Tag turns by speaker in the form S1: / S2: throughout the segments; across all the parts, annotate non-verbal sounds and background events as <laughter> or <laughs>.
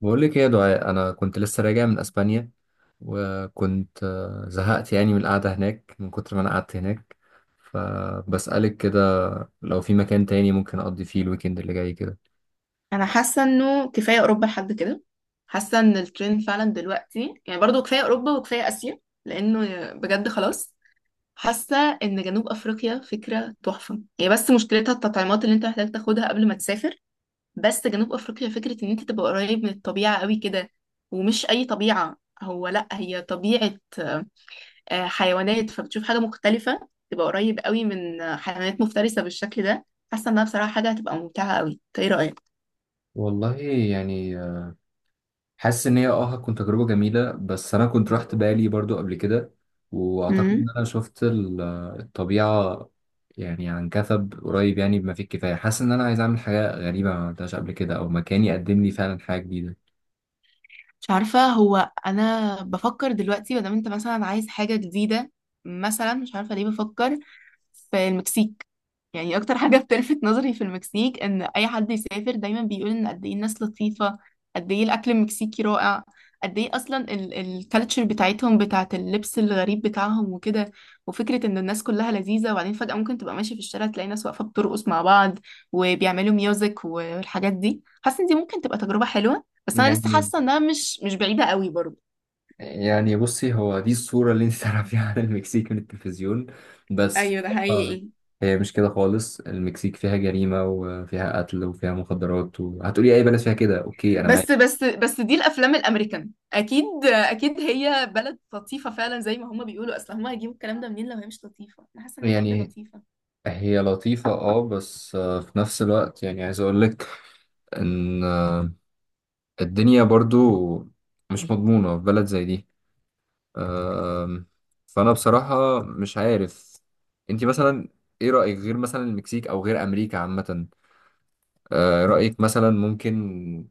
S1: بقول لك ايه يا دعاء؟ انا كنت لسه راجع من اسبانيا، وكنت زهقت يعني من القعده هناك من كتر ما انا قعدت هناك. فبسألك كده، لو في مكان تاني ممكن اقضي فيه الويكند اللي جاي كده.
S2: انا حاسه انه كفايه اوروبا لحد كده. حاسه ان الترند فعلا دلوقتي، يعني برضو كفايه اوروبا وكفايه اسيا، لانه بجد خلاص. حاسه ان جنوب افريقيا فكره تحفه، هي بس مشكلتها التطعيمات اللي انت محتاج تاخدها قبل ما تسافر. بس جنوب افريقيا فكره ان انت تبقى قريب من الطبيعه قوي كده، ومش اي طبيعه، هو لا هي طبيعه حيوانات، فبتشوف حاجه مختلفه، تبقى قريب قوي من حيوانات مفترسه بالشكل ده. حاسه انها بصراحه حاجه هتبقى ممتعه قوي. إنت ايه
S1: والله يعني حاسس ان هي اه هتكون تجربه جميله، بس انا كنت رحت بالي برضو قبل كده، واعتقد
S2: رايك؟
S1: ان انا شفت الطبيعه يعني عن كثب، قريب يعني بما فيه الكفايه. حاسس ان انا عايز اعمل حاجه غريبه ما عملتهاش قبل كده، او مكان يقدم لي فعلا حاجه
S2: مش عارفة، هو أنا بفكر دلوقتي، مادام أنت مثلا عايز حاجة جديدة، مثلا مش عارفة ليه بفكر في المكسيك. يعني اكتر حاجه بتلفت نظري في المكسيك ان اي حد يسافر دايما بيقول ان قد ايه الناس لطيفه، قد ايه الاكل المكسيكي رائع، قد ايه اصلا الكالتشر بتاعتهم، بتاعت اللبس الغريب بتاعهم وكده، وفكره ان الناس كلها لذيذه. وبعدين فجاه ممكن تبقى ماشي في الشارع تلاقي ناس واقفه بترقص مع بعض وبيعملوا ميوزك والحاجات دي. حاسه ان دي ممكن تبقى تجربه حلوه، بس انا لسه
S1: جديده.
S2: حاسه انها مش بعيده قوي برضه.
S1: يعني بصي، هو دي الصورة اللي انت <laughs> تعرفيها عن المكسيك من التلفزيون، بس في
S2: ايوه ده
S1: الواقع
S2: حقيقي.
S1: هي مش كده خالص. المكسيك فيها جريمة وفيها قتل وفيها مخدرات، وهتقولي أي بلد فيها كده، أوكي أنا معاك.
S2: بس بس بس، دي الافلام الامريكان. اكيد اكيد هي بلد لطيفه فعلا زي ما هما بيقولوا، اصل هما هيجيبوا الكلام ده منين لو هي مش لطيفه؟ انا حاسه انها بجد
S1: يعني
S2: لطيفه.
S1: هي لطيفة اه، بس في نفس الوقت يعني عايز أقول لك إن الدنيا برضو مش مضمونة في بلد زي دي. آم، فأنا بصراحة مش عارف. انت مثلا ايه رأيك، غير مثلا المكسيك أو غير أمريكا عامة؟ رأيك مثلا ممكن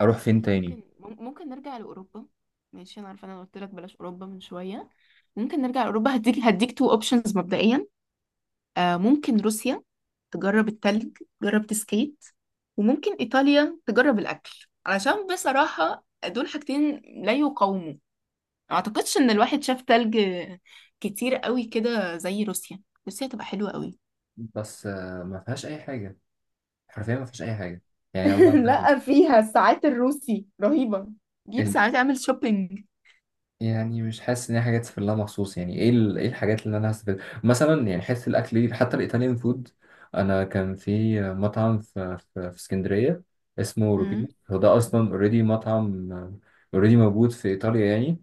S1: أروح فين
S2: ممكن
S1: تاني؟
S2: ممكن نرجع لاوروبا. ماشي، انا عارفه انا قلت لك بلاش اوروبا من شويه، ممكن نرجع لاوروبا. هديك تو اوبشنز مبدئيا. آه ممكن روسيا، تجرب التلج، تجرب تسكيت. وممكن ايطاليا، تجرب الاكل، علشان بصراحه دول حاجتين لا يقاوموا. اعتقدش ان الواحد شاف تلج كتير قوي كده زي روسيا، روسيا تبقى حلوة قوي.
S1: بس ما فيهاش أي حاجة، حرفيا ما فيهاش أي حاجة، يعني والله
S2: <laughs>
S1: بجد،
S2: لا، فيها الساعات الروسي رهيبة، جيب
S1: ال...
S2: ساعات اعمل شوبينج.
S1: يعني مش حاسس إن هي حاجة تسافر لها مخصوص. يعني إيه إيه الحاجات اللي أنا هستفيد مثلا؟ يعني حتة الأكل دي، حتى الإيطاليان فود، أنا كان في مطعم في اسكندرية اسمه روبينو.
S2: أمم.
S1: هو ده أصلا أوريدي مطعم، أوريدي موجود في إيطاليا يعني.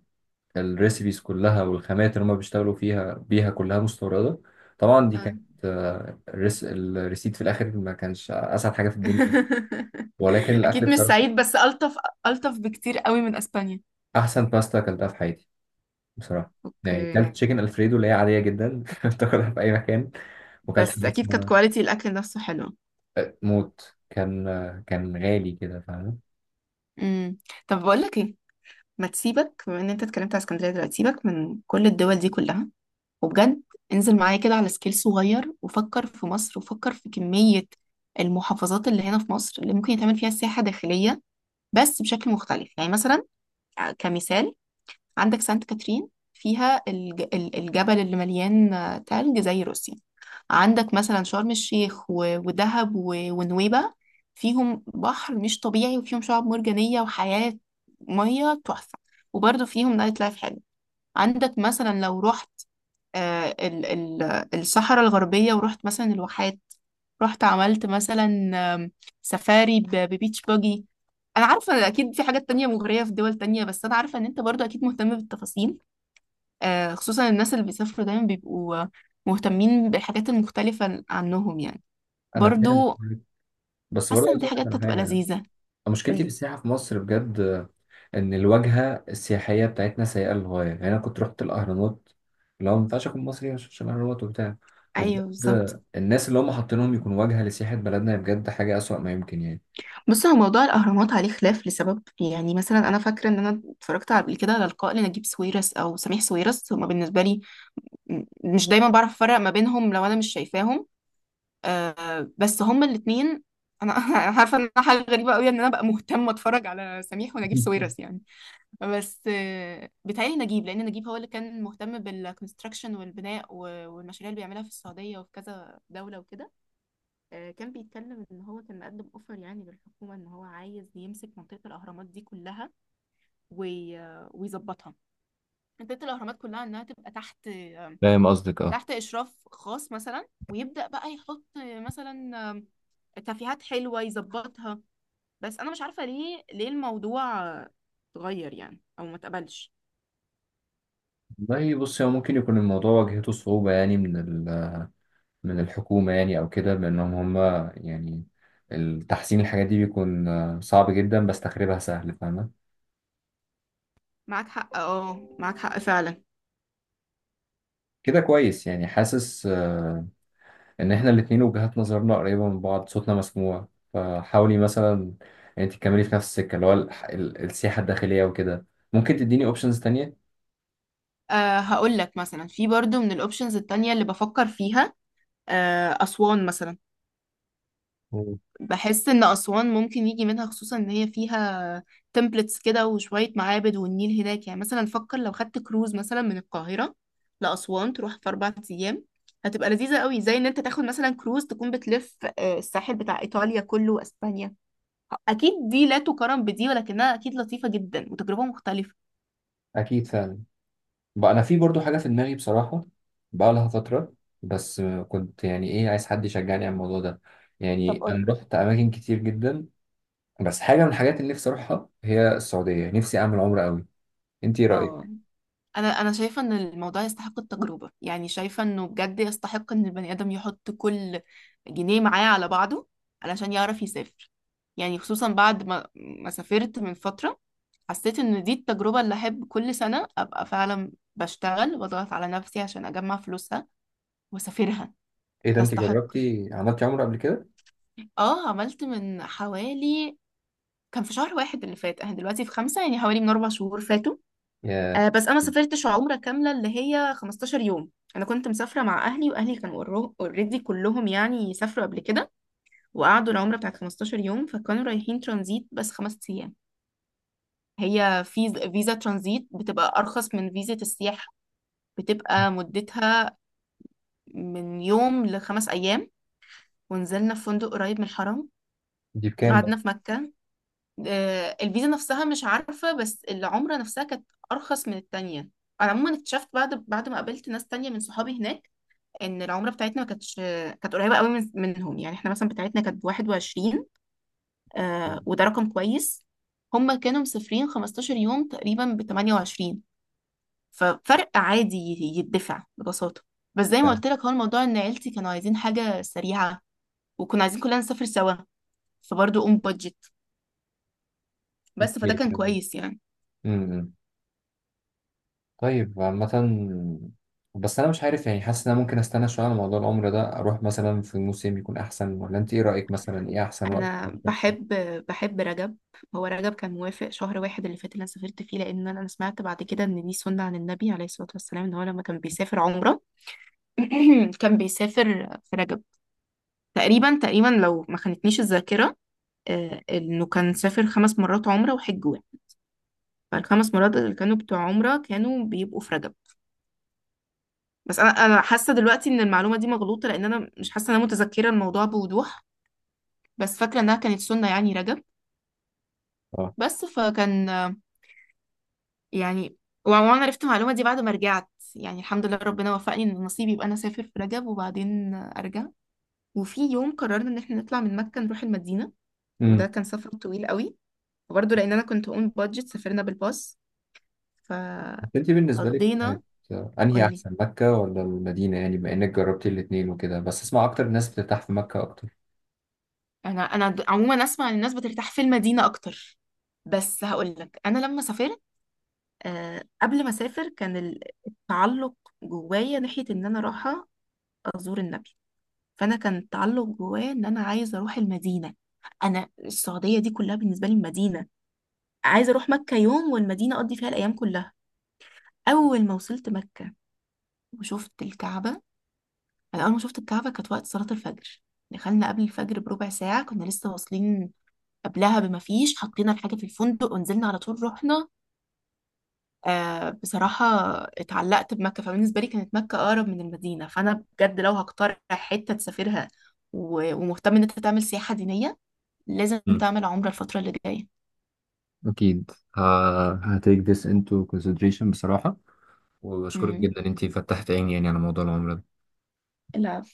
S1: الريسيبيز كلها والخامات اللي هما بيشتغلوا فيها بيها كلها مستوردة. طبعا دي
S2: آه.
S1: كانت الريسيت في الآخر ما كانش أسعد حاجة في الدنيا،
S2: <laughs>
S1: ولكن الأكل
S2: اكيد مش
S1: بصراحة
S2: سعيد، بس الطف، الطف بكتير قوي من اسبانيا.
S1: أحسن باستا أكلتها في حياتي. بصراحة يعني
S2: اوكي.
S1: كلت تشيكن الفريدو اللي هي عادية جدا، <laughs> تاكلها في أي مكان، وكلت
S2: بس
S1: حاجة
S2: اكيد كانت
S1: اسمها
S2: كواليتي الاكل نفسه حلو.
S1: موت كان كان غالي كده، فاهم؟
S2: امم. طب بقول لك ايه، ما تسيبك، بما ان انت اتكلمت على اسكندريه دلوقتي، سيبك من كل الدول دي كلها. وبجد، انزل معايا كده على سكيل صغير وفكر في مصر، وفكر في كمية المحافظات اللي هنا في مصر اللي ممكن يتعمل فيها سياحة داخلية، بس بشكل مختلف. يعني مثلا، كمثال، عندك سانت كاترين، فيها الجبل اللي مليان تلج زي روسيا. عندك مثلا شرم الشيخ ودهب ونويبة، فيهم بحر مش طبيعي وفيهم شعاب مرجانية وحياة مية تحفة، وبرضه فيهم نايت لايف حلو. عندك مثلا لو رحت الصحراء الغربية ورحت مثلا الواحات، رحت عملت مثلا آم، سفاري ببيتش باجي. انا عارفة إن اكيد في حاجات تانية مغرية في دول تانية، بس انا عارفة ان انت برضو اكيد مهتم بالتفاصيل. خصوصا الناس اللي بيسافروا دايما بيبقوا مهتمين بالحاجات المختلفة عنهم يعني.
S1: أنا فاهم،
S2: برضو
S1: بس برضه
S2: حاسة ان
S1: عايز
S2: دي
S1: أقول لك
S2: حاجات
S1: على
S2: هتبقى
S1: حاجة.
S2: لذيذة.
S1: مشكلتي في
S2: قولي.
S1: السياحة في مصر بجد إن الواجهة السياحية بتاعتنا سيئة للغاية. يعني أنا كنت رحت الأهرامات، اللي هو ما ينفعش أكون مصري عشان الأهرامات وبتاع، وبجد
S2: ايوه بالظبط.
S1: الناس اللي هم حاطينهم يكون واجهة لسياحة بلدنا بجد حاجة أسوأ ما يمكن يعني.
S2: بص، هو موضوع الاهرامات عليه خلاف لسبب. يعني مثلا انا فاكره ان انا اتفرجت قبل كده على لقاء لنجيب ساويرس او سميح ساويرس. هما بالنسبه لي مش دايما بعرف افرق ما بينهم لو انا مش شايفاهم، آه بس هما الاتنين. انا <laughs> انا عارفه ان أنا حاجه غريبه قوي ان انا ابقى مهتمه اتفرج على سميح ونجيب
S1: <laughs>
S2: ساويرس يعني. بس آه بيتهيألي نجيب، لان نجيب هو اللي كان مهتم بالكونستراكشن والبناء والمشاريع اللي بيعملها في السعوديه وفي كذا دوله وكده. آه كان بيتكلم ان هو كان مقدم اوفر يعني للحكومه ان هو عايز يمسك منطقه الاهرامات دي كلها ويظبطها، منطقه الاهرامات كلها، انها تبقى تحت
S1: فاهم قصدك اه.
S2: تحت إشراف خاص مثلا، ويبدأ بقى يحط مثلا آم، تفيهات حلوة يظبطها. بس أنا مش عارفة، ليه الموضوع اتغير يعني أو ما اتقبلش.
S1: والله بص، هو ممكن يكون الموضوع واجهته صعوبة يعني من ال- من الحكومة يعني، أو كده، بأنهم هم يعني التحسين الحاجات دي بيكون صعب جدا، بس تخريبها سهل، فاهمة؟
S2: معاك حق، اه، معاك حق فعلا.
S1: كده كويس يعني. حاسس ان احنا الاتنين وجهات نظرنا قريبة من بعض، صوتنا مسموع. فحاولي مثلا انت تكملي في نفس السكة، اللي هو السياحة الداخلية وكده. ممكن تديني اوبشنز تانية؟
S2: أه، هقول لك مثلا في برضو من الأوبشنز التانية اللي بفكر فيها، أه، أسوان مثلا.
S1: مم.
S2: بحس ان اسوان ممكن يجي منها، خصوصا ان هي فيها تمبلتس كده وشويه معابد، والنيل هناك. يعني مثلا فكر لو خدت كروز مثلا من القاهره لاسوان، تروح في 4 ايام، هتبقى لذيذه قوي، زي ان انت تاخد مثلا كروز تكون بتلف الساحل بتاع ايطاليا كله واسبانيا. اكيد دي لا تقارن بدي، ولكنها اكيد لطيفه جدا وتجربه مختلفه.
S1: اكيد فعلا. بقى انا في برضو حاجة في دماغي بصراحة، بقى لها فترة، بس كنت يعني ايه عايز حد يشجعني على الموضوع ده.
S2: طب
S1: يعني
S2: قولي.
S1: انا رحت اماكن كتير جدا، بس حاجة من الحاجات اللي نفسي اروحها هي السعودية، نفسي اعمل عمرة قوي. انت ايه
S2: اه،
S1: رأيك؟
S2: انا شايفه ان الموضوع يستحق التجربه. يعني شايفه انه بجد يستحق ان البني ادم يحط كل جنيه معاه على بعضه علشان يعرف يسافر. يعني خصوصا بعد ما سافرت من فتره، حسيت ان دي التجربه اللي احب كل سنه ابقى فعلا بشتغل واضغط على نفسي عشان اجمع فلوسها واسافرها.
S1: ايه ده، انت
S2: تستحق.
S1: جربتي عملتي عمرة قبل كده؟
S2: اه عملت من حوالي، كان في شهر واحد اللي فات، احنا دلوقتي في خمسة، يعني حوالي من 4 شهور فاتوا.
S1: يا
S2: آه، بس انا سافرتش عمره كامله اللي هي 15 يوم. انا كنت مسافره مع اهلي، واهلي كانوا اوريدي كلهم يعني سافروا قبل كده وقعدوا العمره بتاعت 15 يوم، فكانوا رايحين ترانزيت بس 5 ايام. هي فيزا، فيزا ترانزيت بتبقى ارخص من فيزا السياحه، بتبقى مدتها من يوم لخمس ايام. ونزلنا في فندق قريب من الحرم،
S1: دي بكام بقى!
S2: قعدنا في مكه. آه، الفيزا نفسها مش عارفه، بس العمره نفسها كانت ارخص من التانية. انا عموما اكتشفت بعد ما قابلت ناس تانية من صحابي هناك ان العمره بتاعتنا ما كانتش كانت قريبه قوي منهم. يعني احنا مثلا بتاعتنا كانت 21، آه وده رقم كويس. هم كانوا مسافرين 15 يوم تقريبا ب 28، ففرق عادي يتدفع ببساطه. بس زي ما قلت لك، هو الموضوع ان عيلتي كانوا عايزين حاجه سريعه، وكنا عايزين كلنا نسافر سوا، فبرضه اون بادجت، بس فده كان كويس يعني.
S1: <laughs> امم. طيب عامة، بس أنا مش عارف يعني، حاسس إن أنا ممكن أستنى شوية على موضوع العمر ده، أروح مثلا في موسم يكون أحسن؟ ولا أنت إيه رأيك مثلا، إيه أحسن وقت؟
S2: انا
S1: <laughs>
S2: بحب، رجب. هو رجب كان موافق شهر واحد اللي فات اللي انا سافرت فيه. لان انا سمعت بعد كده ان دي سنه عن النبي عليه الصلاه والسلام، ان هو لما كان بيسافر عمره <clears throat> كان بيسافر في رجب، تقريبا تقريبا لو ما خانتنيش الذاكرة. آه، انه كان سافر 5 مرات عمرة وحج واحد، فالخمس مرات اللي كانوا بتوع عمرة كانوا بيبقوا في رجب. بس انا حاسة دلوقتي ان المعلومة دي مغلوطة، لان انا مش حاسة ان انا متذكرة الموضوع بوضوح، بس فاكرة انها كانت سنة يعني رجب.
S1: أه.
S2: بس فكان يعني وعموما عرفت المعلومة دي بعد ما رجعت. يعني الحمد لله، ربنا وفقني ان نصيبي يبقى انا اسافر في رجب وبعدين ارجع. وفي يوم قررنا ان احنا نطلع من مكة نروح المدينة، وده
S1: امم.
S2: كان سفر طويل قوي، وبرضه لان انا كنت اون بادجت سافرنا بالباص، فقضينا.
S1: أنت بالنسبة لك كانت أنهي
S2: قولي.
S1: أحسن، مكة ولا المدينة؟ يعني بما إنك جربتي الاتنين وكده، بس أسمع أكتر الناس بترتاح في مكة أكتر.
S2: انا عموما اسمع ان الناس بترتاح في المدينه اكتر. بس هقول لك، انا لما سافرت، آه، قبل ما اسافر كان التعلق جوايا ناحيه ان انا رايحه ازور النبي، فانا كان التعلق جوايا ان انا عايزه اروح المدينه. انا السعوديه دي كلها بالنسبه لي مدينه، عايزه اروح مكه يوم والمدينه اقضي فيها الايام كلها. اول ما وصلت مكه وشفت الكعبه، انا اول ما شفت الكعبه كانت وقت صلاه الفجر، دخلنا قبل الفجر بربع ساعه، كنا لسه واصلين، قبلها بما فيش حطينا الحاجه في الفندق ونزلنا على طول رحنا. آه، بصراحه اتعلقت بمكه. فبالنسبه لي كانت مكه اقرب من المدينه. فانا بجد لو هقترح حته تسافرها ومهتم ان انت تعمل سياحه دينيه، لازم
S1: مم.
S2: تعمل عمره الفتره اللي جايه.
S1: أكيد. ه... هتيك this into consideration بصراحة، وبشكرك جدا إن أنتي فتحت عيني يعني على موضوع العمر.
S2: امم.